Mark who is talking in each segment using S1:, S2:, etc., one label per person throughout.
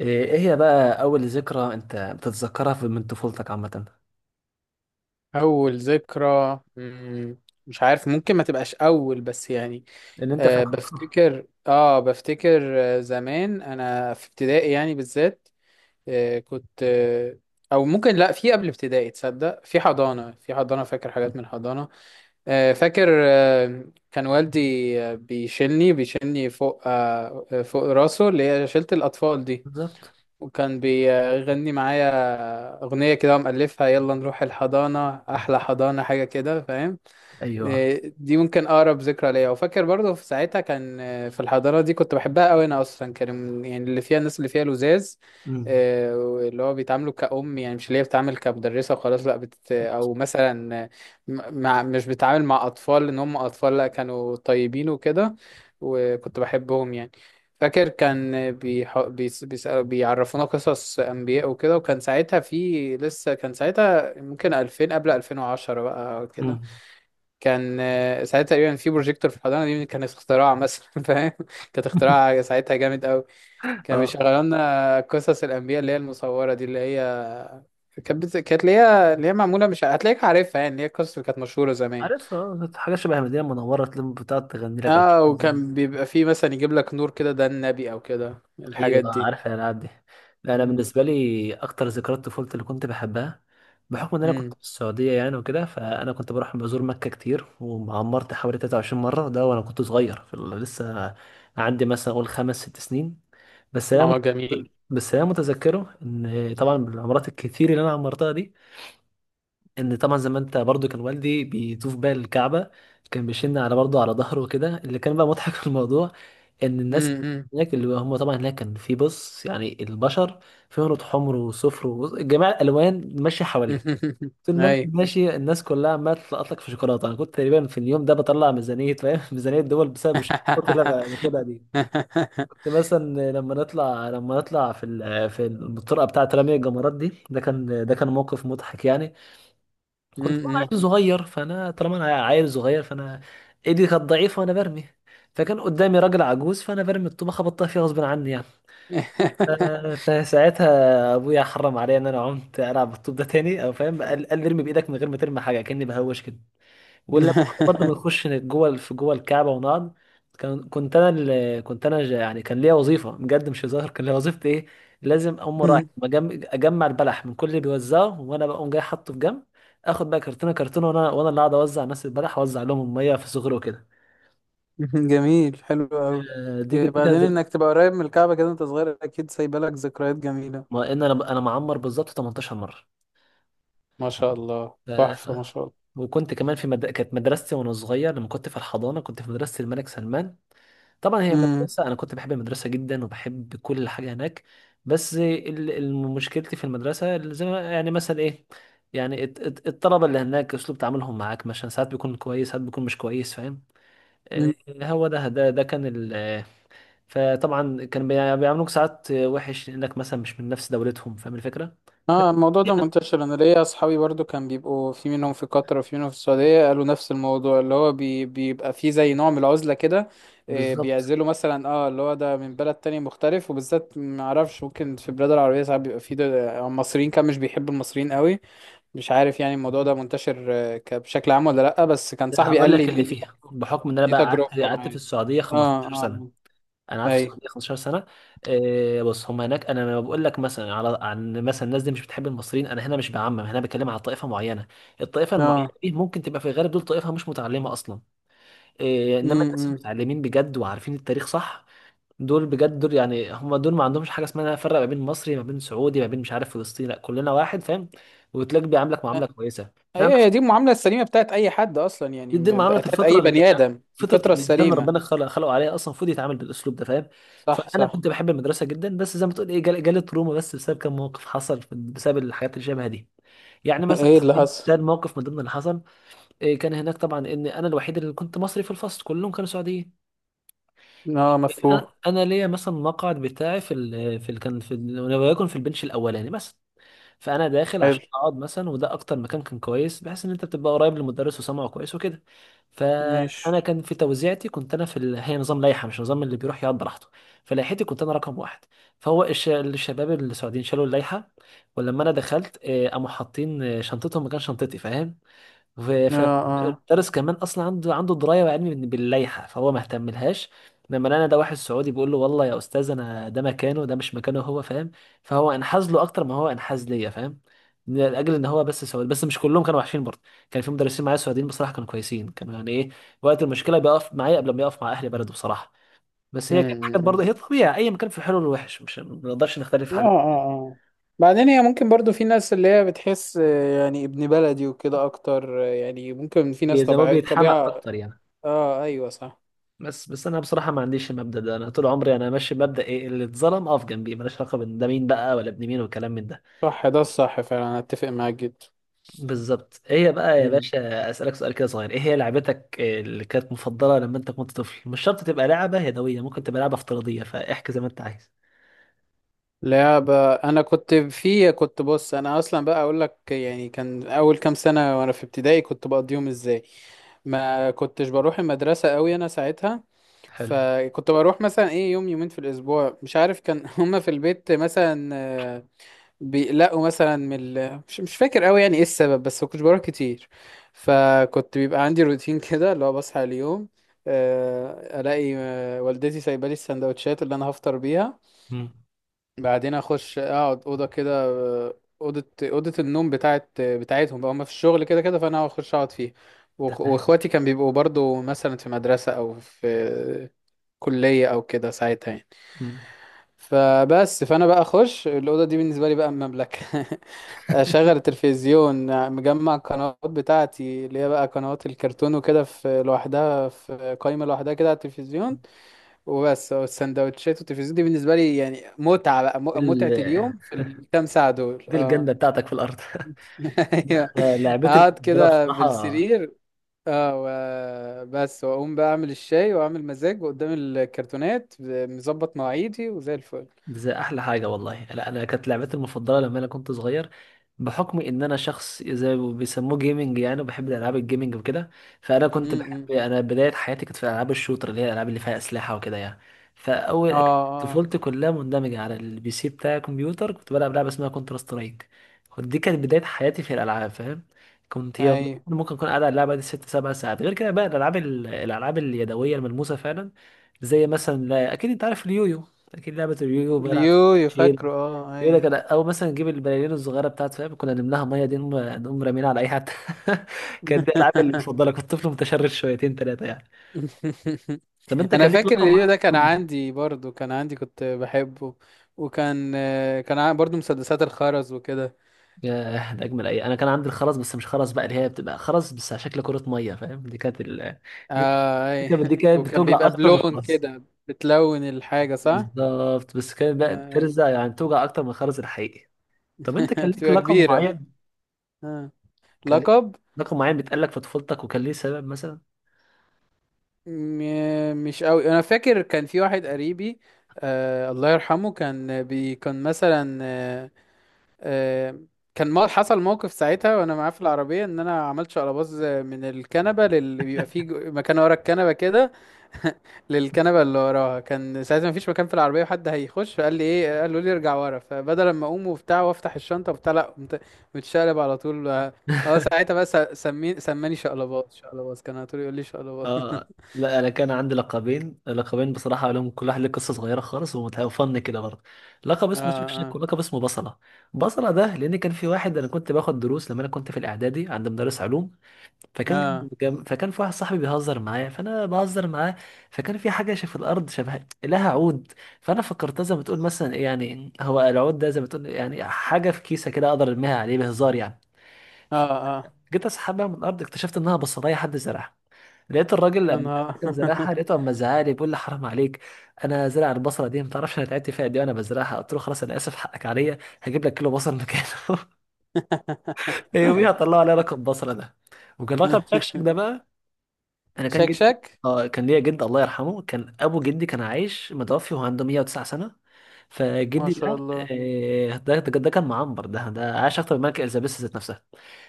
S1: إيه هي بقى اول ذكرى انت بتتذكرها في من طفولتك عامه.
S2: أول ذكرى مش عارف ممكن ما تبقاش أول بس يعني
S1: اللي انت فاكره.
S2: بفتكر زمان أنا في ابتدائي يعني بالذات أه كنت أه أو ممكن لأ في قبل ابتدائي تصدق في حضانة فاكر حاجات من الحضانة فاكر كان والدي بيشيلني فوق أه آه، فوق راسه اللي هي شيلة الأطفال دي.
S1: بالظبط.
S2: وكان بيغني معايا أغنية كده ومألفها، يلا نروح الحضانة أحلى حضانة حاجة كده فاهم.
S1: ايوه.
S2: دي ممكن اقرب ذكرى ليا، وفاكر برضو في ساعتها كان في الحضانه دي كنت بحبها قوي. انا اصلا كان يعني اللي فيها الناس اللي فيها لزاز،
S1: امم.
S2: آه، اللي هو بيتعاملوا كأم، يعني مش اللي هي بتتعامل كمدرسة وخلاص، لا بت أو مثلا آه، م- مع مش بتتعامل مع أطفال إن هم أطفال، لا كانوا طيبين وكده، وكنت بحبهم يعني. فاكر كان بيعرفونا قصص أنبياء وكده، وكان ساعتها في لسه، كان ساعتها ممكن 2000 قبل 2010 بقى كده.
S1: امم.
S2: كان ساعتها تقريبا في بروجيكتور في الحضانه دي، كان اختراع مثلا فاهم، كانت اختراع ساعتها جامد قوي. كان
S1: اه،
S2: بيشغلوا لنا قصص الانبياء اللي هي المصوره دي، اللي هي كانت اللي هي معموله، مش هتلاقيك عارفها يعني، اللي هي القصص اللي كانت مشهوره زمان.
S1: عارف. اه، حاجه شبه المدينه المنوره تلم بتقعد تغني لك ولا.
S2: اه، وكان بيبقى فيه مثلا يجيب لك نور كده، ده النبي او كده
S1: ايوه،
S2: الحاجات دي.
S1: عارف الالعاب دي. لا، انا
S2: امم.
S1: بالنسبه لي اكتر ذكريات طفولتي اللي كنت بحبها، بحكم ان انا كنت
S2: امم.
S1: في السعوديه يعني وكده، فانا كنت بروح بزور مكه كتير وعمرت حوالي 23 مره، ده وانا كنت صغير في لسه عندي مثلا اقول خمس ست سنين. بس انا مت...
S2: اه جميل.
S1: بس انا متذكره ان طبعا بالعمرات الكتير اللي انا عمرتها دي، ان طبعا زي ما انت برضو كان والدي بيطوف بقى الكعبه، كان بيشن على برضو على ظهره وكده. اللي كان بقى مضحك في الموضوع، ان الناس
S2: امم.
S1: هناك، اللي هم طبعا هناك كان في بص يعني البشر فيهم رود حمر وصفر وجميع الالوان ماشيه حواليه،
S2: امم.
S1: طول ما انت
S2: اي.
S1: ماشي الناس كلها عماله تلقط لك في شوكولاته. انا كنت تقريبا في اليوم ده بطلع ميزانيه فاهم ميزانيه الدول بسبب الشوكولاته اللي أنا باخدها دي. كنت مثلا لما نطلع في في الطرقه بتاعه رمي الجمرات دي، ده كان موقف مضحك يعني. كنت طبعا
S2: امم.
S1: عيل صغير، فانا طالما انا عيل صغير فانا ايدي كانت ضعيفه وانا برمي، فكان قدامي راجل عجوز، فانا برمي الطوبه خبطتها فيه غصب عني يعني. ف- فساعتها ابويا حرم عليا ان انا عمت العب بالطوب ده تاني، او فاهم، قال ارمي بايدك من غير ما ترمي حاجه كاني بهوش كده. ولما كنا برضه بنخش جوه في جوه الكعبه ونقعد، كان كنت انا اللي كنت انا ج- يعني كان ليا وظيفه بجد مش هزار. كان ليا وظيفتي ايه؟ لازم اقوم رايح اجمع البلح من كل اللي بيوزعه، وانا بقوم جاي حاطه في جنب، اخد بقى كرتونه، وانا اللي قاعد اوزع الناس البلح واوزع لهم الميه في صغره كده.
S2: جميل حلو قوي.
S1: دي كانت
S2: بعدين انك تبقى قريب من الكعبة كده انت صغير، اكيد سايبه لك ذكريات جميلة.
S1: ما ان انا معمر بالظبط 18 مره.
S2: ما شاء الله،
S1: آه،
S2: تحفة، ما شاء الله.
S1: وكنت كمان في كانت مدرستي وانا صغير لما كنت في الحضانه، كنت في مدرسه الملك سلمان. طبعا هي
S2: امم.
S1: مدرسة، أنا كنت بحب المدرسة جدا وبحب كل حاجة هناك. بس مشكلتي في المدرسة زي ما يعني مثلا إيه، يعني الطلبة اللي هناك أسلوب تعاملهم معاك مثلا ساعات بيكون كويس ساعات بيكون مش كويس فاهم. آه، هو ده ده ده كان ال آه، فطبعا كان بيعاملوك ساعات وحش لأنك مثلا مش من نفس دولتهم، فاهم الفكرة. بس
S2: اه، الموضوع ده
S1: يعني
S2: منتشر. انا ليا اصحابي برضو كان بيبقوا، في منهم في قطر وفي منهم في السعودية، قالوا نفس الموضوع، اللي هو بي بيبقى فيه زي نوع من العزلة كده.
S1: بالظبط.
S2: بيعزلوا مثلا، اه، اللي هو ده من بلد تاني مختلف، وبالذات معرفش، ممكن في بلاد العربية ساعات بيبقى فيه مصريين، كان مش بيحبوا المصريين قوي. مش عارف يعني الموضوع ده منتشر بشكل عام ولا لأ، بس كان صاحبي قال
S1: هقول
S2: لي
S1: لك اللي
S2: إن دي
S1: فيها،
S2: تجربته.
S1: بحكم إن أنا
S2: دي
S1: بقى قعدت
S2: تجربته
S1: قعدت في
S2: معايا.
S1: السعودية
S2: اه
S1: 15 سنة.
S2: اه.
S1: انا قعدت في
S2: اي.
S1: السعوديه 15 سنه. بص، هم هناك، انا لما بقول لك مثلا على عن مثلا الناس دي مش بتحب المصريين، انا هنا مش بعمم، هنا بتكلم على طائفه معينه. الطائفه المعينه
S2: اه.
S1: دي ممكن تبقى في الغالب دول طائفه مش متعلمه اصلا. انما الناس
S2: امم.
S1: المتعلمين بجد وعارفين التاريخ صح، دول بجد دول يعني، هم دول ما عندهمش حاجه اسمها فرق ما بين مصري ما بين سعودي ما بين مش عارف فلسطيني، لا، كلنا واحد فاهم، وتلاقي بيعاملك معامله كويسه.
S2: هي هي دي المعاملة السليمة بتاعت أي حد أصلا، يعني
S1: دي معامله
S2: بتاعت
S1: الفطره،
S2: أي
S1: اللي
S2: بني آدم،
S1: فطره
S2: الفطرة
S1: الانسان اللي
S2: السليمة.
S1: ربنا خلق خلقه عليها اصلا، المفروض يتعامل بالاسلوب ده فاهم.
S2: صح
S1: فانا
S2: صح.
S1: كنت بحب المدرسه جدا، بس زي ما تقول ايه جالي تروما بس بسبب كم موقف حصل بسبب الحاجات اللي شبه دي، يعني مثلا
S2: ايه اللي حصل؟
S1: ده الموقف من ضمن اللي حصل. إيه، كان هناك طبعا ان انا الوحيد اللي كنت مصري في الفصل، كلهم كانوا سعوديين.
S2: اه مفهوم.
S1: انا ليا مثلا مقعد بتاعي في ال... في ال... كان في ال... وليكن في البنش الاولاني مثلا، فانا داخل
S2: حلو.
S1: عشان اقعد مثلا، وده اكتر مكان كان كويس بحيث ان انت بتبقى قريب للمدرس وسامعه كويس وكده.
S2: مش.
S1: فانا كان في توزيعتي كنت انا هي نظام لائحه مش نظام اللي بيروح يقعد براحته، فلائحتي كنت انا رقم واحد. فهو الشباب السعوديين شالوا اللائحه، ولما انا دخلت قاموا حاطين شنطتهم مكان شنطتي فاهم. وفي
S2: اه
S1: في-
S2: اه.
S1: المدرس كمان اصلا عنده درايه وعلم باللائحه، فهو ما اهتملهاش. لما انا ده واحد سعودي بيقول له والله يا استاذ انا ده مكانه، ده مش مكانه هو فاهم، فهو انحاز له اكتر ما هو انحاز ليا فاهم، لاجل ان هو بس سعودي. بس مش كلهم كانوا وحشين برضه، كان في مدرسين معايا سعوديين بصراحه كانوا كويسين، كانوا يعني ايه، وقت المشكله بيقف معايا قبل ما يقف مع اهل بلده بصراحه. بس هي كانت حاجات برضه،
S2: امم.
S1: هي طبيعي اي مكان في الحلو والوحش، مش ما نقدرش نختلف في
S2: اه
S1: حاجه.
S2: اه اه. بعدين هي ممكن برضو في ناس اللي هي بتحس يعني ابن بلدي وكده اكتر، يعني ممكن في ناس
S1: زي ما
S2: طبيعة
S1: بيتحمق
S2: طبيعة.
S1: اكتر يعني.
S2: اه ايوه صح.
S1: بس انا بصراحه ما عنديش المبدا ده، انا طول عمري انا ماشي بمبدا ايه؟ اللي اتظلم اقف جنبيه، ماليش علاقه بان ده مين بقى ولا ابن مين والكلام من ده.
S2: صح ده الصح فعلا، انا اتفق معاك جدا.
S1: بالظبط. ايه هي بقى يا
S2: مم.
S1: باشا، اسالك سؤال كده صغير، ايه هي لعبتك اللي كانت مفضله لما انت كنت طفل؟ مش شرط تبقى لعبه يدويه، ممكن تبقى لعبه افتراضيه، فاحكي زي ما انت عايز.
S2: لعبة، انا كنت في، بص انا اصلا بقى اقول لك، يعني كان اول كام سنة وانا في ابتدائي كنت بقضيهم ازاي. ما كنتش بروح المدرسة قوي انا ساعتها،
S1: حلو.
S2: فكنت بروح مثلا ايه، يوم يومين في الاسبوع مش عارف كان. هما في البيت مثلا بيقلقوا مثلا من ال...، مش فاكر قوي يعني ايه السبب، بس ما كنتش بروح كتير. فكنت بيبقى عندي روتين كده، اللي هو بصحى اليوم الاقي والدتي سايبه لي السندوتشات اللي انا هفطر بيها.
S1: مم.
S2: بعدين اخش اقعد اوضه كده، اوضه النوم بتاعتهم بقى، هم في الشغل كده كده، فانا هخش اقعد فيها.
S1: تمام.
S2: واخواتي كان بيبقوا برضو مثلا في مدرسه او في كليه او كده ساعتها يعني.
S1: مم.
S2: فبس فانا بقى اخش الاوضه دي، بالنسبه لي بقى مملكه. اشغل التلفزيون، مجمع القنوات بتاعتي اللي هي بقى قنوات الكرتون وكده في لوحدها، في قائمه لوحدها كده على التلفزيون، وبس. والسندوتشات والتلفزيون دي بالنسبه لي يعني متعه بقى،
S1: دي ال-
S2: متعه اليوم في الكام ساعه دول
S1: دي
S2: اه.
S1: الجنه بتاعتك في الارض. لا،
S2: ايوه.
S1: أنا لعبتي
S2: اقعد
S1: المفضله
S2: كده
S1: بصراحه،
S2: بالسرير، بس واقوم بقى اعمل الشاي واعمل مزاج وقدام الكرتونات، مظبط مواعيدي وزي الفل.
S1: دي احلى حاجه والله. لا، انا كانت لعبتي المفضله لما انا كنت صغير، بحكم ان انا شخص زي ما بيسموه جيمنج يعني، وبحب الالعاب الجيمنج وكده، فانا
S2: م-
S1: كنت بحب،
S2: م.
S1: انا بدايه حياتي كانت في العاب الشوتر، اللي هي الالعاب اللي فيها اسلحه وكده يعني.
S2: اه
S1: فاول
S2: اه.
S1: طفولتي كلها مندمجه على البي سي بتاع الكمبيوتر، كنت بلعب لعبه اسمها كونتر سترايك، ودي كانت بدايه حياتي في الالعاب فاهم. كنت يا والله
S2: ايوه
S1: ممكن اكون قاعد على اللعبه دي ست سبع ساعات. غير كده بقى الالعاب الالعاب اليدويه الملموسه فعلا، زي مثلا، لا اكيد انت عارف اليويو، اكيد لعبه اليويو بلعب.
S2: اليو،
S1: شيل
S2: فاكره اه
S1: يقول لك
S2: ايوه.
S1: انا، او مثلا نجيب البلالين الصغيره بتاعت فاهم، كنا نملاها ميه دي نقوم رامينها على اي حد. كانت دي العاب المفضله. كنت طفل متشرد شويتين ثلاثه يعني. طب انت
S2: انا
S1: كان ليك
S2: فاكر
S1: لقب
S2: اليو ده كان
S1: معين؟
S2: عندي برضو، كان عندي، كنت بحبه. وكان كان برضو مسدسات الخرز وكده.
S1: ياه ده اجمل، اي انا كان عندي الخرز، بس مش خرز بقى اللي هي بتبقى خرز بس على شكل كره ميه فاهم، دي كانت دي
S2: اه
S1: دي
S2: اي.
S1: كانت دي كانت
S2: وكان
S1: بتوجع
S2: بيبقى
S1: اكتر من
S2: بلون
S1: الخرز.
S2: كده، بتلون الحاجة، صح.
S1: بالظبط، بس كانت بقى
S2: أي.
S1: بترزع يعني، توجع اكتر من الخرز الحقيقي. طب انت كان ليك
S2: بتبقى
S1: لقب
S2: كبيرة.
S1: معين،
S2: آه.
S1: كان ليك
S2: لقب،
S1: لقب معين بيتقال لك في طفولتك وكان ليه سبب مثلا؟
S2: مش قوي انا فاكر. كان في واحد قريبي، آه الله يرحمه، كان بي كان مثلا آه، كان، ما حصل موقف ساعتها وانا معاه في العربيه، ان انا عملت شقلباز من الكنبه للي بيبقى فيه مكان ورا الكنبه كده. للكنبه اللي وراها، كان ساعتها مفيش مكان في العربيه، وحد هيخش، فقال لي ايه، قالوا لي ارجع ورا، فبدل ما اقوم وبتاع وافتح الشنطه وبتاع، لا قمت متشقلب على طول اه. ساعتها بس سماني شقلباز، كان على طول يقول لي شقلباز.
S1: اه، لا انا كان عندي لقبين، لقبين بصراحه لهم كل واحد له قصه صغيره خالص ومتفن كده برضه، لقب
S2: اه
S1: اسمه شكشك
S2: اه.
S1: ولقب اسمه بصله. بصله ده لان كان في واحد، انا كنت باخد دروس لما انا كنت في الاعدادي عند مدرس علوم،
S2: اه
S1: فكان في واحد صاحبي بيهزر معايا فانا بهزر معاه، فكان في حاجه في الارض شبه لها عود. فانا فكرتها زي ما تقول مثلا إيه يعني، هو العود ده زي ما تقول يعني حاجه في كيسه كده اقدر ارميها عليه بهزار يعني.
S2: اه اه.
S1: جيت اسحبها من الارض اكتشفت انها بصلايه حد زرعها. لقيت الراجل
S2: يا
S1: لما
S2: نهار.
S1: كان زرعها، لقيته اما زعلي بيقول لي حرام عليك، انا زرع البصله دي ما تعرفش انا تعبت فيها دي وانا بزرعها، قلت له خلاص انا اسف حقك عليا، هجيب لك كيلو بصل مكانه. يوميها طلعوا عليا رقم بصله ده. وكان رقم شكشك ده بقى، انا كان جدي
S2: شكشك.
S1: اه، كان ليا جد الله يرحمه، كان ابو جدي كان عايش متوفي وهو عنده 109 سنه.
S2: ما
S1: فجدي
S2: شاء
S1: ده
S2: الله.
S1: ده كان معمر، ده عاش اكتر من الملكه اليزابيث ذات نفسها.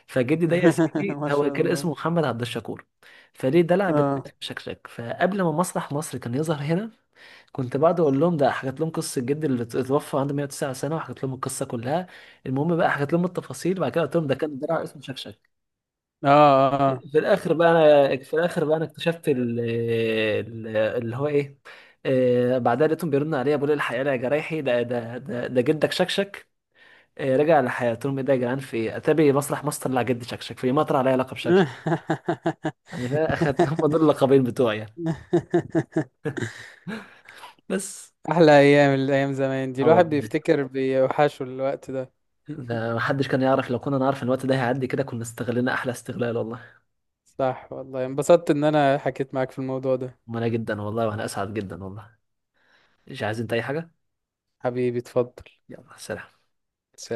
S1: فجدي ده يا سيدي
S2: ما
S1: هو
S2: شاء
S1: كان اسمه
S2: الله.
S1: محمد عبد الشكور، فليه دلع
S2: اه
S1: بتاعت شكشك. فقبل ما مسرح مصر كان يظهر هنا، كنت بقعد اقول لهم ده، حكيت لهم قصه جدي اللي اتوفى عنده 109 سنه، وحكيت لهم القصه كلها. المهم بقى حكيت لهم التفاصيل وبعد كده قلت لهم ده كان دلع اسمه شكشك.
S2: اه اه.
S1: في الاخر بقى انا، في الاخر بقى انا اكتشفت اللي هو ايه، بعدها لقيتهم بيرنوا عليا بيقولوا لي الحقيقه يا جرايحي، ده جدك شكشك رجع لحياته. قلت لهم ايه ده يا جدعان في ايه، اتاري مسرح مصر طلع جد شكشك، في مطر عليا لقب شكشك انا اخدت. هم دول اللقبين بتوعي يعني. بس.
S2: احلى ايام، الايام زمان دي
S1: اه
S2: الواحد
S1: والله،
S2: بيفتكر بيوحشه الوقت ده.
S1: ده محدش كان يعرف، لو كنا نعرف الوقت ده هيعدي كده كنا استغلنا احلى استغلال والله.
S2: صح والله، انبسطت ان انا حكيت معاك في الموضوع ده.
S1: وانا جدا والله، وانا اسعد جدا والله. مش عايز انت اي حاجه؟
S2: حبيبي اتفضل.
S1: يلا سلام.